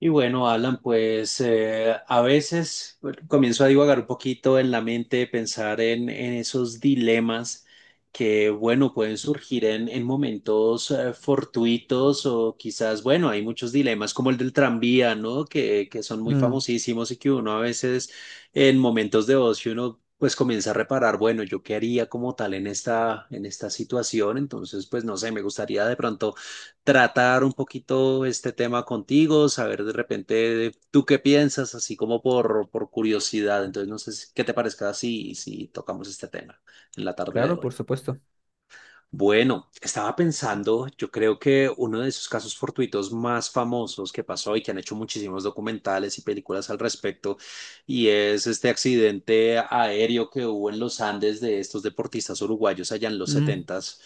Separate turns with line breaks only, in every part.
Y bueno, Alan, a veces bueno, comienzo a divagar un poquito en la mente, pensar en esos dilemas que, bueno, pueden surgir en momentos fortuitos o quizás, bueno, hay muchos dilemas como el del tranvía, ¿no? Que son muy
Mm,
famosísimos y que uno a veces en momentos de ocio uno pues comienza a reparar, bueno, ¿yo qué haría como tal en esta situación? Entonces, pues no sé, me gustaría de pronto tratar un poquito este tema contigo, saber de repente tú qué piensas, así como por curiosidad. Entonces, no sé si- qué te parezca si tocamos este tema en la tarde de
claro,
hoy.
por supuesto.
Bueno, estaba pensando, yo creo que uno de esos casos fortuitos más famosos que pasó y que han hecho muchísimos documentales y películas al respecto, y es este accidente aéreo que hubo en los Andes de estos deportistas uruguayos allá en los
Mm,
setentas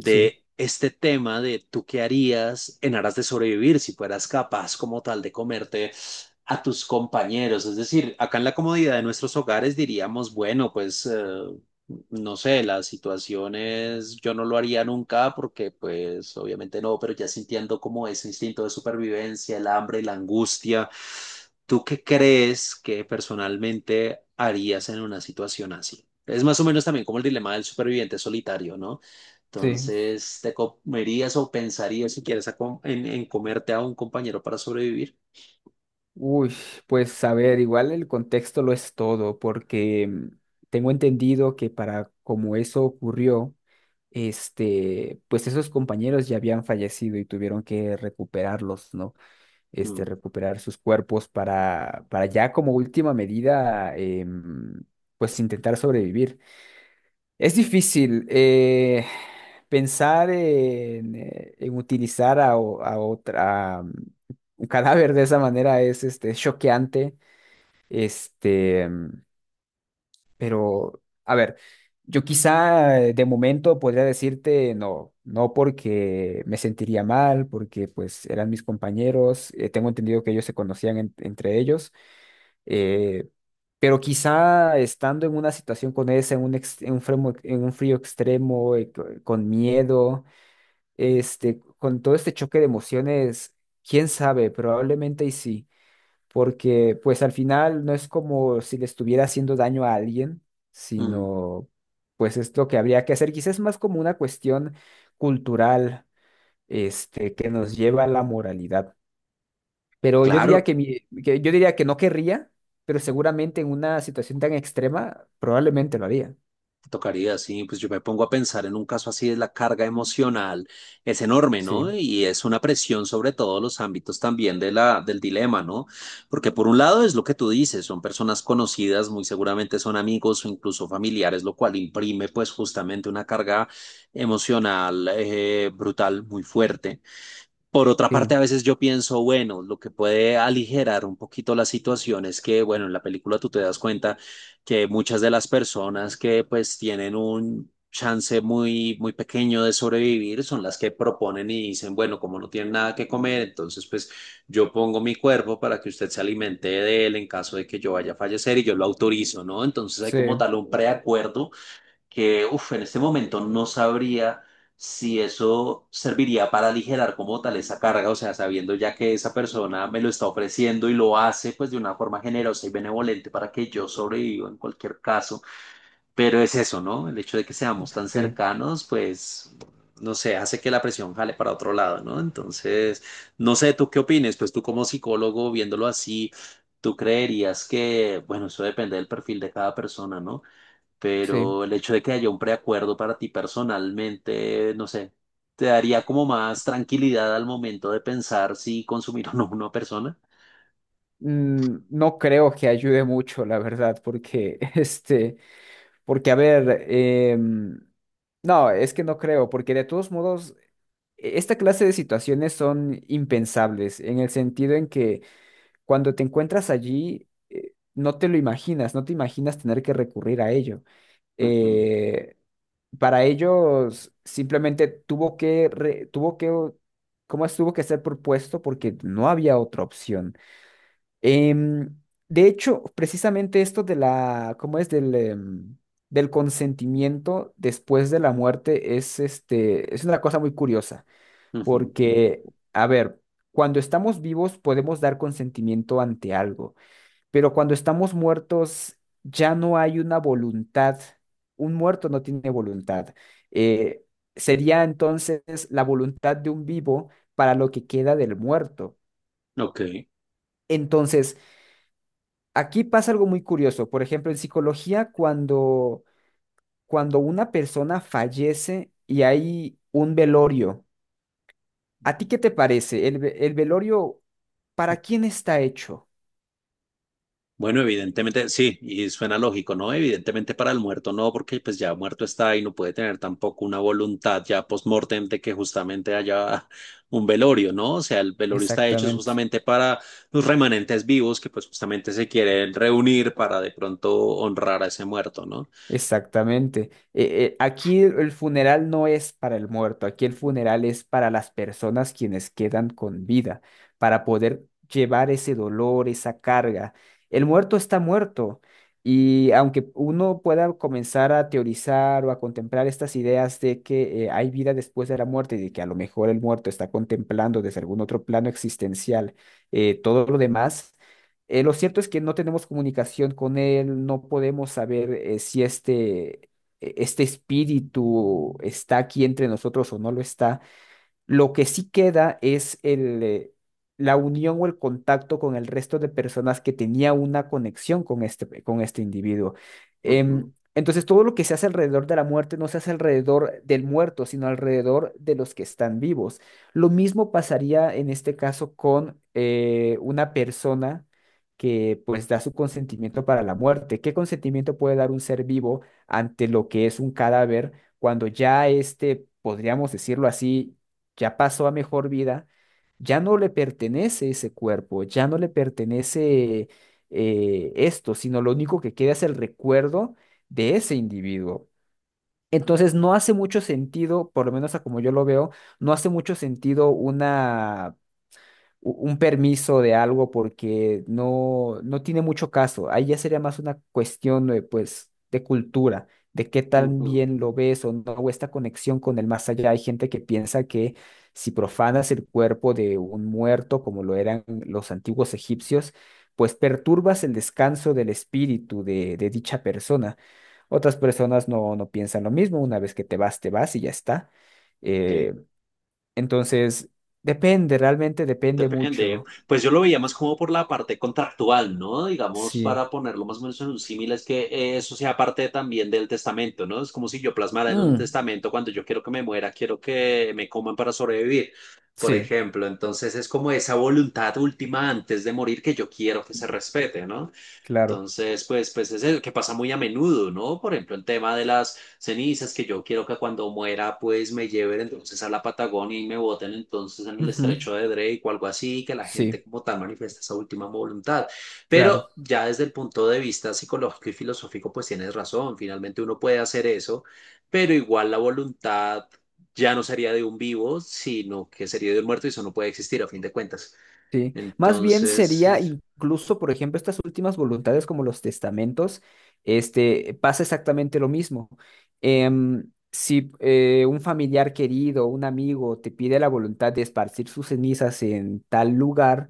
sí,
este tema de tú qué harías en aras de sobrevivir si fueras capaz como tal de comerte a tus compañeros. Es decir, acá en la comodidad de nuestros hogares diríamos, bueno, no sé, las situaciones yo no lo haría nunca porque pues obviamente no, pero ya sintiendo como ese instinto de supervivencia, el hambre, la angustia, ¿tú qué crees que personalmente harías en una situación así? Es más o menos también como el dilema del superviviente solitario, ¿no?
sí.
Entonces, ¿te comerías o pensarías si quieres en comerte a un compañero para sobrevivir?
Uy, pues a ver, igual el contexto lo es todo, porque tengo entendido que para como eso ocurrió, pues esos compañeros ya habían fallecido y tuvieron que recuperarlos, ¿no?
Mm,
Recuperar sus cuerpos para ya como última medida, pues intentar sobrevivir. Es difícil pensar en utilizar a, a otra un cadáver de esa manera es este choqueante, este, mm, pero a ver, yo quizá de momento podría decirte no, no porque me sentiría mal, porque pues eran mis compañeros, tengo entendido que ellos se conocían entre ellos. Eh, pero quizá estando en una situación con esa, en un, en un en un frío extremo, con miedo, con todo este choque de emociones, quién sabe, probablemente y sí, porque pues al final no es como si le estuviera haciendo daño a alguien,
mm,
sino pues es lo que habría que hacer, quizás es más como una cuestión cultural, que nos lleva a la moralidad. Pero yo diría
claro.
que, que yo diría que no querría, pero seguramente en una situación tan extrema probablemente lo haría.
Tocaría, sí, pues yo me pongo a pensar en un caso así, es la carga emocional es enorme,
Sí,
¿no? Y es una presión sobre todos los ámbitos también de la, del dilema, ¿no? Porque por un lado es lo que tú dices, son personas conocidas, muy seguramente son amigos o incluso familiares, lo cual imprime pues justamente una carga emocional brutal, muy fuerte. Por otra
sí,
parte, a veces yo pienso, bueno, lo que puede aligerar un poquito la situación es que, bueno, en la película tú te das cuenta que muchas de las personas que pues tienen un chance muy, muy pequeño de sobrevivir son las que proponen y dicen, bueno, como no tienen nada que comer, entonces pues yo pongo mi cuerpo para que usted se alimente de él en caso de que yo vaya a fallecer y yo lo autorizo, ¿no? Entonces hay como
sí,
tal un preacuerdo que, uff, en este momento no sabría si eso serviría para aligerar como tal esa carga, o sea, sabiendo ya que esa persona me lo está ofreciendo y lo hace pues de una forma generosa y benevolente para que yo sobreviva en cualquier caso pero es eso, ¿no? El hecho de que seamos tan
sí,
cercanos, pues, no sé, hace que la presión jale para otro lado, ¿no? Entonces, no sé, ¿tú qué opines? Pues tú como psicólogo, viéndolo así, tú creerías que, bueno, eso depende del perfil de cada persona, ¿no?
sí.
Pero el hecho de que haya un preacuerdo para ti personalmente, no sé, ¿te daría como más tranquilidad al momento de pensar si consumir o no una persona?
No creo que ayude mucho, la verdad, porque porque a ver, no, es que no creo, porque de todos modos esta clase de situaciones son impensables en el sentido en que cuando te encuentras allí no te lo imaginas, no te imaginas tener que recurrir a ello.
Ujú,
eh, para ellos simplemente tuvo que, ¿cómo es? Tuvo que ser propuesto porque no había otra opción. Em, de hecho, precisamente esto de la, ¿cómo es? Del del consentimiento después de la muerte es, es una cosa muy curiosa
ujú.
porque, a ver, cuando estamos vivos podemos dar consentimiento ante algo. Pero cuando estamos muertos, ya no hay una voluntad. Un muerto no tiene voluntad. Eh, sería entonces la voluntad de un vivo para lo que queda del muerto.
Ok.
Entonces, aquí pasa algo muy curioso. Por ejemplo, en psicología, cuando una persona fallece y hay un velorio, ¿a ti qué te parece? ¿El, el velorio para quién está hecho?
Bueno, evidentemente sí, y suena lógico, ¿no? Evidentemente para el muerto no, porque pues ya muerto está y no puede tener tampoco una voluntad ya post-mortem de que justamente haya un velorio, ¿no? O sea, el velorio está hecho es
Exactamente.
justamente para los remanentes vivos que pues justamente se quieren reunir para de pronto honrar a ese muerto, ¿no?
Exactamente. Aquí el funeral no es para el muerto, aquí el funeral es para las personas quienes quedan con vida, para poder llevar ese dolor, esa carga. El muerto está muerto y aunque uno pueda comenzar a teorizar o a contemplar estas ideas de que hay vida después de la muerte y de que a lo mejor el muerto está contemplando desde algún otro plano existencial, todo lo demás. Lo cierto es que no tenemos comunicación con él, no podemos saber si este espíritu está aquí entre nosotros o no lo está. Lo que sí queda es la unión o el contacto con el resto de personas que tenía una conexión con con este individuo.
Ujú,
Entonces, todo lo que se hace alrededor de la muerte no se hace alrededor del muerto, sino alrededor de los que están vivos. Lo mismo pasaría en este caso con una persona que pues da su consentimiento para la muerte. ¿Qué consentimiento puede dar un ser vivo ante lo que es un cadáver cuando ya podríamos decirlo así, ya pasó a mejor vida, ya no le pertenece ese cuerpo, ya no le pertenece esto, sino lo único que queda es el recuerdo de ese individuo. Entonces no hace mucho sentido, por lo menos a como yo lo veo, no hace mucho sentido una un permiso de algo porque no, no tiene mucho caso. Ahí ya sería más una cuestión de, pues, de cultura, de qué tan
ujú.
bien lo ves o no, o esta conexión con el más allá. Hay gente que piensa que si profanas el cuerpo de un muerto, como lo eran los antiguos egipcios, pues perturbas el descanso del espíritu de dicha persona. Otras personas no, no piensan lo mismo, una vez que te vas y ya está.
Sí.
Eh, entonces, depende, realmente depende
Depende.
mucho.
Pues yo lo veía más como por la parte contractual, ¿no? Digamos,
Sí.
para ponerlo más o menos en un símil, es que eso sea parte también del testamento, ¿no? Es como si yo plasmara en un
Mm,
testamento cuando yo quiero que me muera, quiero que me coman para sobrevivir, por
sí,
ejemplo. Entonces es como esa voluntad última antes de morir que yo quiero que se respete, ¿no?
claro.
Entonces, pues es el que pasa muy a menudo, ¿no? Por ejemplo, el tema de las cenizas, que yo quiero que cuando muera, pues me lleven entonces a la Patagonia y me boten entonces en el
Ujú.
estrecho de Drake o algo así, que la gente
Sí,
como tal manifiesta esa última voluntad. Pero
claro.
ya desde el punto de vista psicológico y filosófico, pues tienes razón, finalmente uno puede hacer eso, pero igual la voluntad ya no sería de un vivo, sino que sería de un muerto y eso no puede existir a fin de cuentas.
Sí. Más bien sería
Entonces...
incluso, por ejemplo, estas últimas voluntades como los testamentos, pasa exactamente lo mismo. Si un familiar querido, un amigo te pide la voluntad de esparcir sus cenizas en tal lugar,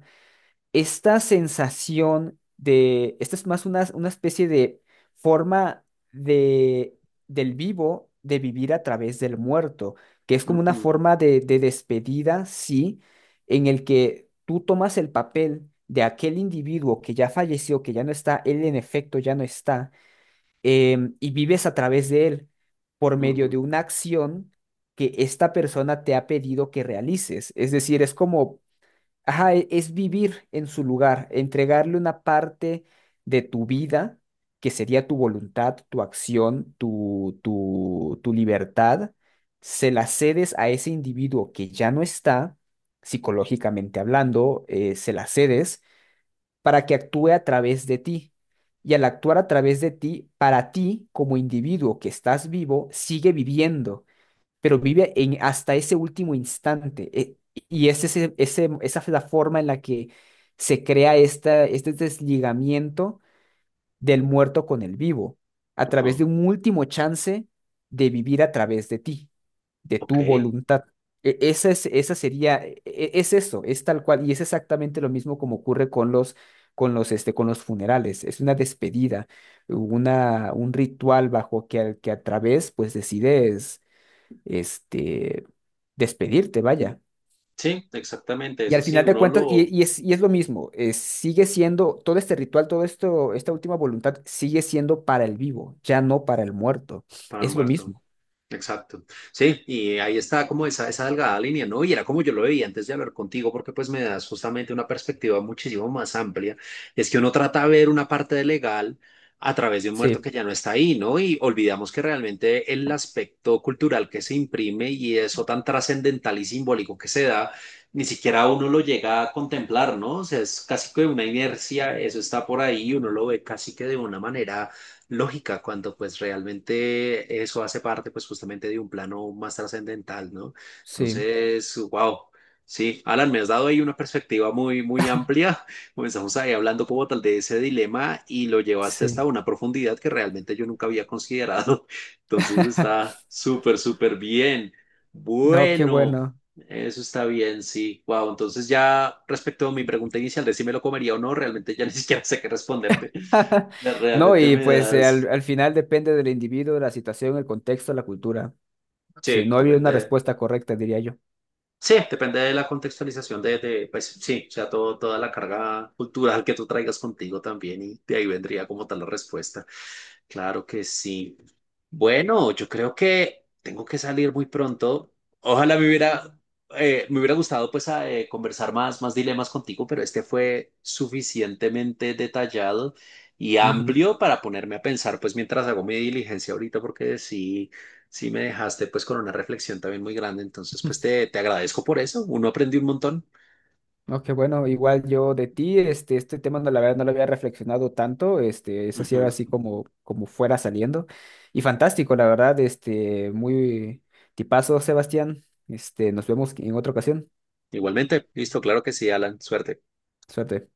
esta sensación de, esta es más una especie de forma de, del vivo de vivir a través del muerto, que es como una
ujú,
forma de despedida, sí, en el que tú tomas el papel de aquel individuo que ya falleció, que ya no está, él en efecto ya no está, y vives a través de él por medio de
ujú,
una acción que esta persona te ha pedido que realices. Es decir, es como ajá, es vivir en su lugar, entregarle una parte de tu vida, que sería tu voluntad, tu acción, tu libertad, se la cedes a ese individuo que ya no está, psicológicamente hablando, se la cedes para que actúe a través de ti. Y al actuar a través de ti, para ti como individuo que estás vivo, sigue viviendo pero vive en, hasta ese último instante. Y es esa es la forma en la que se crea esta, este desligamiento del muerto con el vivo, a través
ajá.
de un último chance de vivir a través de ti, de
Ok,
tu voluntad. Esa es, esa sería, es eso, es tal cual, y es exactamente lo mismo como ocurre con los, con los, con los funerales. Es una despedida, una, un ritual bajo que, que a través, pues, decides este, despedirte, vaya.
sí, exactamente,
Y
es
al
así,
final de
uno
cuentas,
lo
y es lo mismo, sigue siendo, todo este ritual, todo esto, esta última voluntad sigue siendo para el vivo, ya no para el muerto.
para el
Es lo
muerto.
mismo.
Exacto. Sí, y ahí está como esa delgada línea, ¿no? Y era como yo lo veía antes de hablar contigo, porque pues me das justamente una perspectiva muchísimo más amplia. Es que uno trata de ver una parte de legal a través de un muerto que
Sí,
ya no está ahí, ¿no? Y olvidamos que realmente el aspecto cultural que se imprime y eso tan trascendental y simbólico que se da, ni siquiera uno lo llega a contemplar, ¿no? O sea, es casi que una inercia, eso está por ahí, uno lo ve casi que de una manera lógica cuando pues realmente eso hace parte pues justamente de un plano más trascendental, ¿no?
sí,
Entonces, wow. Sí, Alan, me has dado ahí una perspectiva muy, muy amplia. Comenzamos ahí hablando como tal de ese dilema y lo llevaste hasta
sí.
una profundidad que realmente yo nunca había considerado. Entonces está súper, súper bien.
No, qué
Bueno,
bueno.
eso está bien, sí. Wow, entonces ya respecto a mi pregunta inicial de si me lo comería o no, realmente ya ni siquiera sé qué responderte. Ya
No,
Realmente
y
me
pues
das,
al final depende del individuo, de la situación, el contexto, la cultura. Sí,
Sí,
no había una
depende.
respuesta correcta, diría yo.
Sí, depende de la contextualización pues sí, o sea, todo, toda la carga cultural que tú traigas contigo también y de ahí vendría como tal la respuesta. Claro que sí. Bueno, yo creo que tengo que salir muy pronto. Ojalá me hubiera gustado pues conversar más, más dilemas contigo, pero este fue suficientemente detallado y
Ujú.
amplio para ponerme a pensar pues mientras hago mi diligencia ahorita, porque sí. Sí, me dejaste pues con una reflexión también muy grande, entonces pues te agradezco por eso, uno aprendió un montón.
No, qué bueno, igual yo de ti, este tema no, la verdad no lo había reflexionado tanto, eso sí era
Ujú.
así como, como fuera saliendo, y fantástico, la verdad, muy tipazo, Sebastián, nos vemos en otra ocasión,
Igualmente, listo, claro que sí, Alan, suerte.
suerte.